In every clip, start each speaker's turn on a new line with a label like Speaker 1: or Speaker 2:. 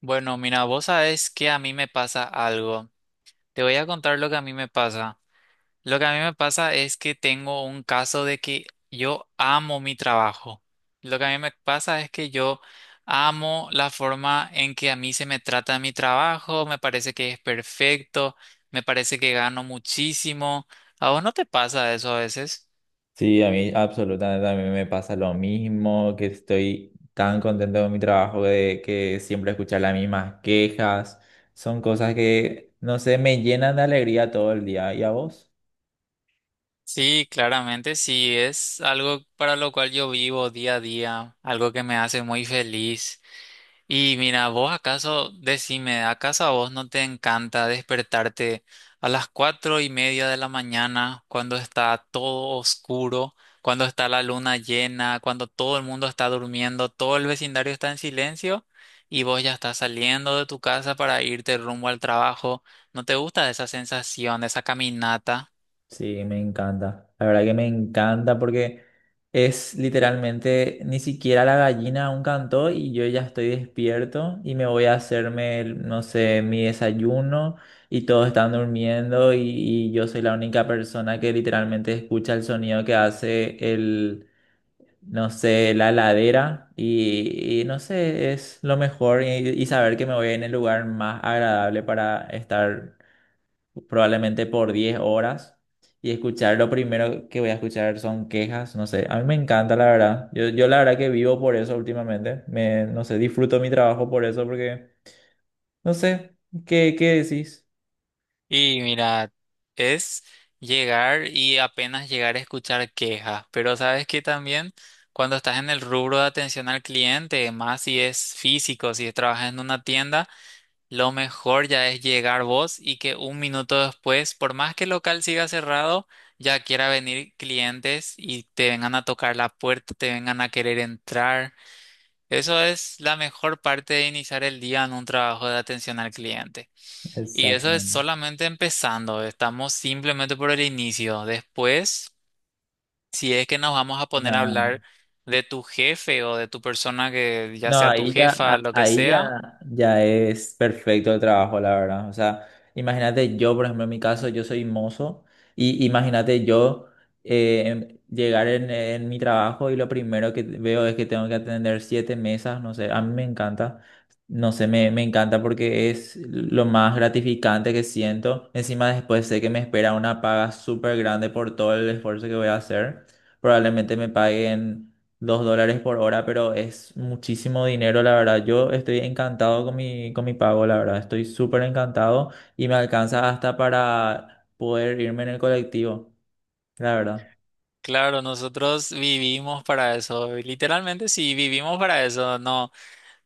Speaker 1: Bueno, mira, vos sabés que a mí me pasa algo. Te voy a contar lo que a mí me pasa. Lo que a mí me pasa es que tengo un caso de que yo amo mi trabajo. Lo que a mí me pasa es que yo amo la forma en que a mí se me trata en mi trabajo, me parece que es perfecto, me parece que gano muchísimo. ¿A vos no te pasa eso a veces?
Speaker 2: Sí, a mí absolutamente, a mí me pasa lo mismo, que estoy tan contento con mi trabajo de que siempre escuchar las mismas quejas. Son cosas que, no sé, me llenan de alegría todo el día. ¿Y a vos?
Speaker 1: Sí, claramente sí, es algo para lo cual yo vivo día a día, algo que me hace muy feliz. Y mira, vos acaso, decime, ¿acaso a vos no te encanta despertarte a las cuatro y media de la mañana cuando está todo oscuro, cuando está la luna llena, cuando todo el mundo está durmiendo, todo el vecindario está en silencio y vos ya estás saliendo de tu casa para irte rumbo al trabajo? ¿No te gusta esa sensación, esa caminata?
Speaker 2: Sí, me encanta. La verdad que me encanta porque es literalmente ni siquiera la gallina aún cantó y yo ya estoy despierto y me voy a hacerme, no sé, mi desayuno y todos están durmiendo y yo soy la única persona que literalmente escucha el sonido que hace el, no sé, la heladera y no sé, es lo mejor y saber que me voy en el lugar más agradable para estar probablemente por 10 horas y escuchar lo primero que voy a escuchar son quejas, no sé, a mí me encanta la verdad, yo la verdad que vivo por eso últimamente, me, no sé, disfruto mi trabajo por eso porque, no sé, ¿qué decís?
Speaker 1: Y mira, es llegar y apenas llegar a escuchar quejas, pero sabes que también cuando estás en el rubro de atención al cliente, más si es físico, si trabajas en una tienda, lo mejor ya es llegar vos y que un minuto después, por más que el local siga cerrado, ya quiera venir clientes y te vengan a tocar la puerta, te vengan a querer entrar. Eso es la mejor parte de iniciar el día en un trabajo de atención al cliente. Y eso es
Speaker 2: Exactamente.
Speaker 1: solamente empezando, estamos simplemente por el inicio. Después, si es que nos vamos a poner a
Speaker 2: No.
Speaker 1: hablar de tu jefe o de tu persona que ya
Speaker 2: No,
Speaker 1: sea tu
Speaker 2: ahí ya,
Speaker 1: jefa, lo que sea,
Speaker 2: ya es perfecto el trabajo, la verdad. O sea, imagínate yo, por ejemplo, en mi caso, yo soy mozo y imagínate yo llegar en mi trabajo y lo primero que veo es que tengo que atender siete mesas, no sé, a mí me encanta, no sé, me encanta porque es lo más gratificante que siento. Encima después sé que me espera una paga súper grande por todo el esfuerzo que voy a hacer. Probablemente me paguen $2 por hora, pero es muchísimo dinero, la verdad. Yo estoy encantado con mi pago, la verdad. Estoy súper encantado y me alcanza hasta para poder irme en el colectivo, la verdad.
Speaker 1: claro, nosotros vivimos para eso, literalmente sí, vivimos para eso, no.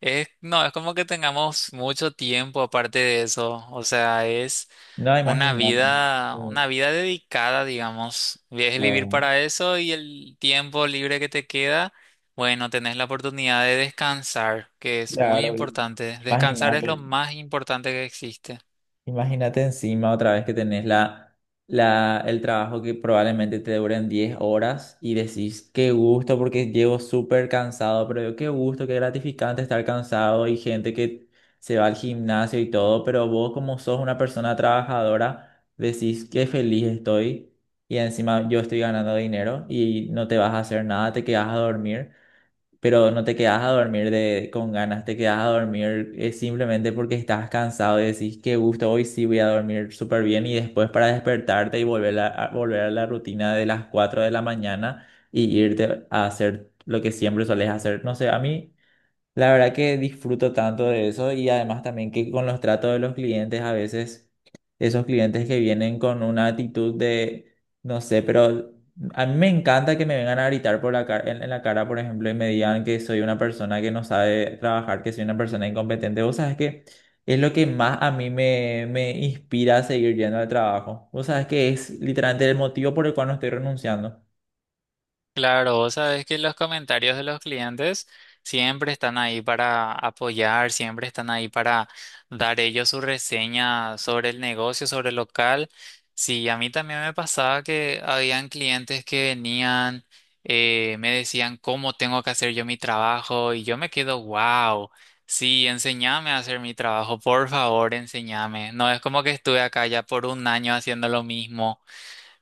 Speaker 1: Es, no, es como que tengamos mucho tiempo aparte de eso. O sea, es
Speaker 2: No, imagínate. Sí,
Speaker 1: una vida dedicada, digamos. Es vivir
Speaker 2: Claro,
Speaker 1: para eso y el tiempo libre que te queda, bueno, tenés la oportunidad de descansar, que es muy
Speaker 2: claro,
Speaker 1: importante. Descansar es lo
Speaker 2: imagínate.
Speaker 1: más importante que existe.
Speaker 2: Imagínate encima otra vez que tenés el trabajo que probablemente te duren 10 horas y decís, qué gusto porque llevo súper cansado, pero qué gusto, qué gratificante estar cansado y gente que se va al gimnasio y todo, pero vos como sos una persona trabajadora, decís, qué feliz estoy y encima yo estoy ganando dinero y no te vas a hacer nada, te quedas a dormir pero no te quedas a dormir de, con ganas, te quedas a dormir simplemente porque estás cansado y decís, qué gusto, hoy sí voy a dormir súper bien y después para despertarte y volver a la rutina de las 4 de la mañana y irte a hacer lo que siempre solés hacer. No sé, a mí... La verdad que disfruto tanto de eso y además también que con los tratos de los clientes a veces esos clientes que vienen con una actitud de, no sé, pero a mí me encanta que me vengan a gritar por la cara, en la cara, por ejemplo, y me digan que soy una persona que no sabe trabajar, que soy una persona incompetente. Vos sabés que es lo que más a mí me inspira a seguir yendo al trabajo. Vos sabés que es literalmente el motivo por el cual no estoy renunciando.
Speaker 1: Claro, vos sabés que los comentarios de los clientes siempre están ahí para apoyar, siempre están ahí para dar ellos su reseña sobre el negocio, sobre el local. Sí, a mí también me pasaba que habían clientes que venían, me decían cómo tengo que hacer yo mi trabajo y yo me quedo, wow, sí, enséñame a hacer mi trabajo, por favor, enséñame. No es como que estuve acá ya por un año haciendo lo mismo,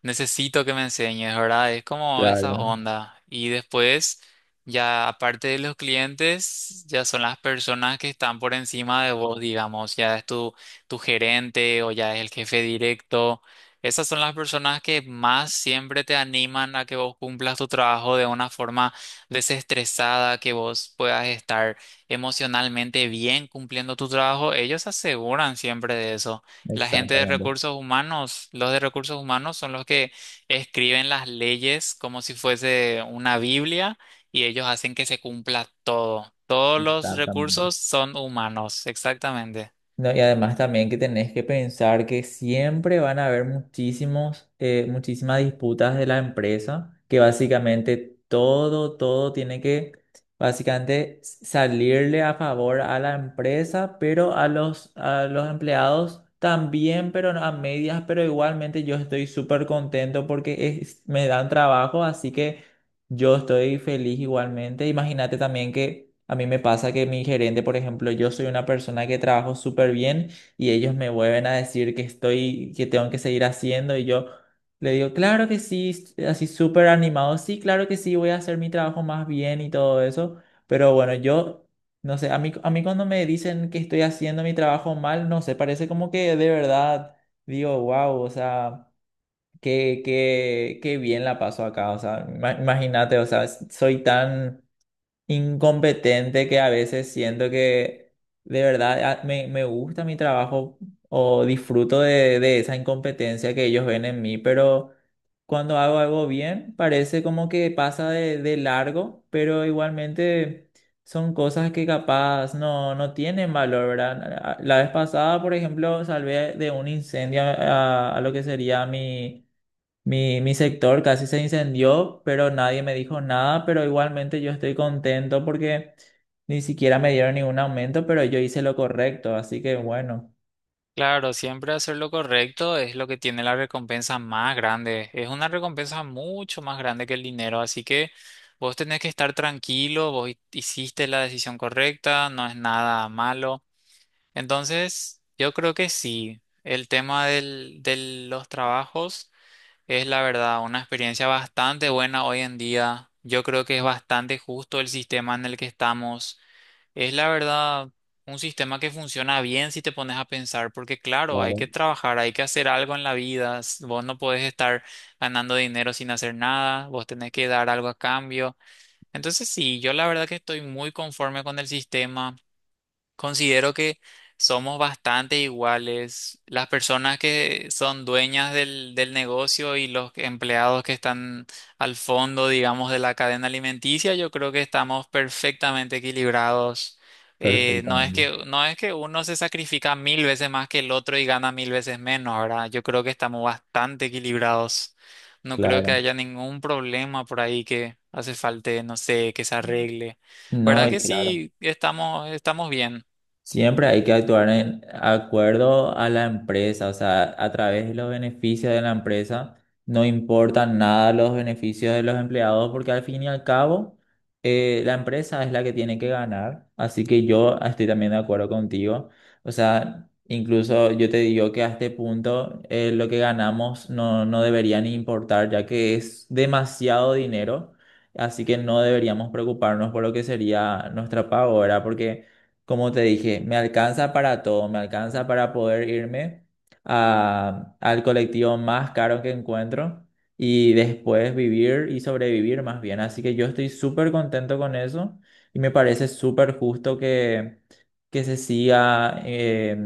Speaker 1: necesito que me enseñes, ¿verdad? Es como esa
Speaker 2: Claro,
Speaker 1: onda. Y después, ya aparte de los clientes, ya son las personas que están por encima de vos, digamos, ya es tu gerente o ya es el jefe directo. Esas son las personas que más siempre te animan a que vos cumplas tu trabajo de una forma desestresada, que vos puedas estar emocionalmente bien cumpliendo tu trabajo. Ellos se aseguran siempre de eso. La gente de
Speaker 2: exactamente,
Speaker 1: recursos humanos, los de recursos humanos son los que escriben las leyes como si fuese una Biblia y ellos hacen que se cumpla todo. Todos los
Speaker 2: exactamente.
Speaker 1: recursos son humanos, exactamente.
Speaker 2: No, y además también que tenés que pensar que siempre van a haber muchísimas disputas de la empresa, que básicamente todo tiene que básicamente salirle a favor a la empresa, pero a los empleados también, pero a medias, pero igualmente yo estoy súper contento porque me dan trabajo, así que... Yo estoy feliz igualmente. Imagínate también que a mí me pasa que mi gerente, por ejemplo, yo soy una persona que trabajo súper bien y ellos me vuelven a decir que estoy, que tengo que seguir haciendo y yo le digo, claro que sí, así súper animado, sí, claro que sí, voy a hacer mi trabajo más bien y todo eso. Pero bueno, yo, no sé, a mí cuando me dicen que estoy haciendo mi trabajo mal, no sé, parece como que de verdad digo, wow, o sea... Qué bien la paso acá, o sea, imagínate, o sea, soy tan incompetente que a veces siento que de verdad me gusta mi trabajo o disfruto de esa incompetencia que ellos ven en mí, pero cuando hago algo bien parece como que pasa de largo, pero igualmente son cosas que capaz no tienen valor, ¿verdad? La vez pasada, por ejemplo, salvé de un incendio a lo que sería mi mi sector casi se incendió, pero nadie me dijo nada, pero igualmente yo estoy contento porque ni siquiera me dieron ningún aumento, pero yo hice lo correcto, así que bueno.
Speaker 1: Claro, siempre hacer lo correcto es lo que tiene la recompensa más grande. Es una recompensa mucho más grande que el dinero, así que vos tenés que estar tranquilo, vos hiciste la decisión correcta, no es nada malo. Entonces, yo creo que sí. El tema de los trabajos es la verdad una experiencia bastante buena hoy en día. Yo creo que es bastante justo el sistema en el que estamos. Es la verdad un sistema que funciona bien si te pones a pensar, porque claro, hay que trabajar, hay que hacer algo en la vida. Vos no podés estar ganando dinero sin hacer nada, vos tenés que dar algo a cambio. Entonces, sí, yo la verdad que estoy muy conforme con el sistema. Considero que somos bastante iguales. Las personas que son dueñas del negocio y los empleados que están al fondo, digamos, de la cadena alimenticia, yo creo que estamos perfectamente equilibrados.
Speaker 2: Perfectamente.
Speaker 1: No es que uno se sacrifica mil veces más que el otro y gana mil veces menos, ¿verdad? Yo creo que estamos bastante equilibrados. No creo que
Speaker 2: Claro.
Speaker 1: haya ningún problema por ahí que hace falta, no sé, que se arregle.
Speaker 2: No,
Speaker 1: ¿Verdad que
Speaker 2: y claro.
Speaker 1: sí? Estamos, estamos bien.
Speaker 2: Siempre hay que actuar en acuerdo a la empresa, o sea, a través de los beneficios de la empresa. No importan nada los beneficios de los empleados porque al fin y al cabo la empresa es la que tiene que ganar. Así que yo estoy también de acuerdo contigo. O sea, incluso yo te digo que a este punto lo que ganamos no debería ni importar ya que es demasiado dinero. Así que no deberíamos preocuparnos por lo que sería nuestra paga, ¿verdad? Porque... Como te dije, me alcanza para todo, me alcanza para poder irme al colectivo más caro que encuentro y después vivir y sobrevivir más bien. Así que yo estoy súper contento con eso y me parece súper justo que se siga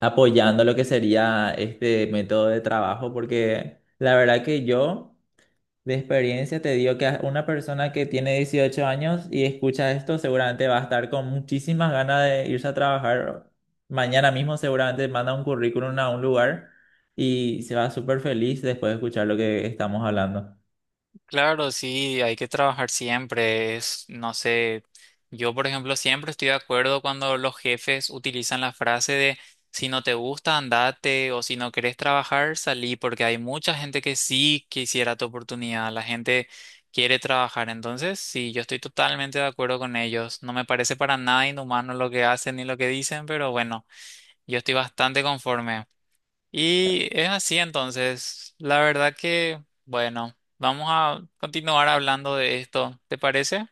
Speaker 2: apoyando lo que sería este método de trabajo porque la verdad que yo... De experiencia te digo que a una persona que tiene 18 años y escucha esto seguramente va a estar con muchísimas ganas de irse a trabajar. Mañana mismo seguramente manda un currículum a un lugar y se va súper feliz después de escuchar lo que estamos hablando.
Speaker 1: Claro, sí, hay que trabajar siempre. Es, no sé, yo por ejemplo siempre estoy de acuerdo cuando los jefes utilizan la frase de si no te gusta, andate o si no querés trabajar, salí, porque hay mucha gente que sí quisiera tu oportunidad, la gente quiere trabajar. Entonces, sí, yo estoy totalmente de acuerdo con ellos. No me parece para nada inhumano lo que hacen ni lo que dicen, pero bueno, yo estoy bastante conforme. Y es así entonces. La verdad que, bueno, vamos a continuar hablando de esto. ¿Te parece?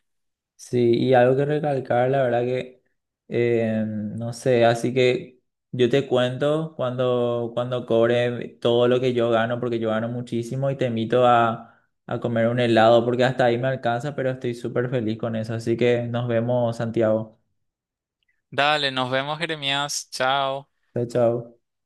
Speaker 2: Sí, y algo que recalcar, la verdad que, no sé, así que yo te cuento cuando cobre todo lo que yo gano, porque yo gano muchísimo y te invito a comer un helado, porque hasta ahí me alcanza, pero estoy súper feliz con eso. Así que nos vemos, Santiago.
Speaker 1: Dale, nos vemos, Jeremías. Chao.
Speaker 2: Chao, chao.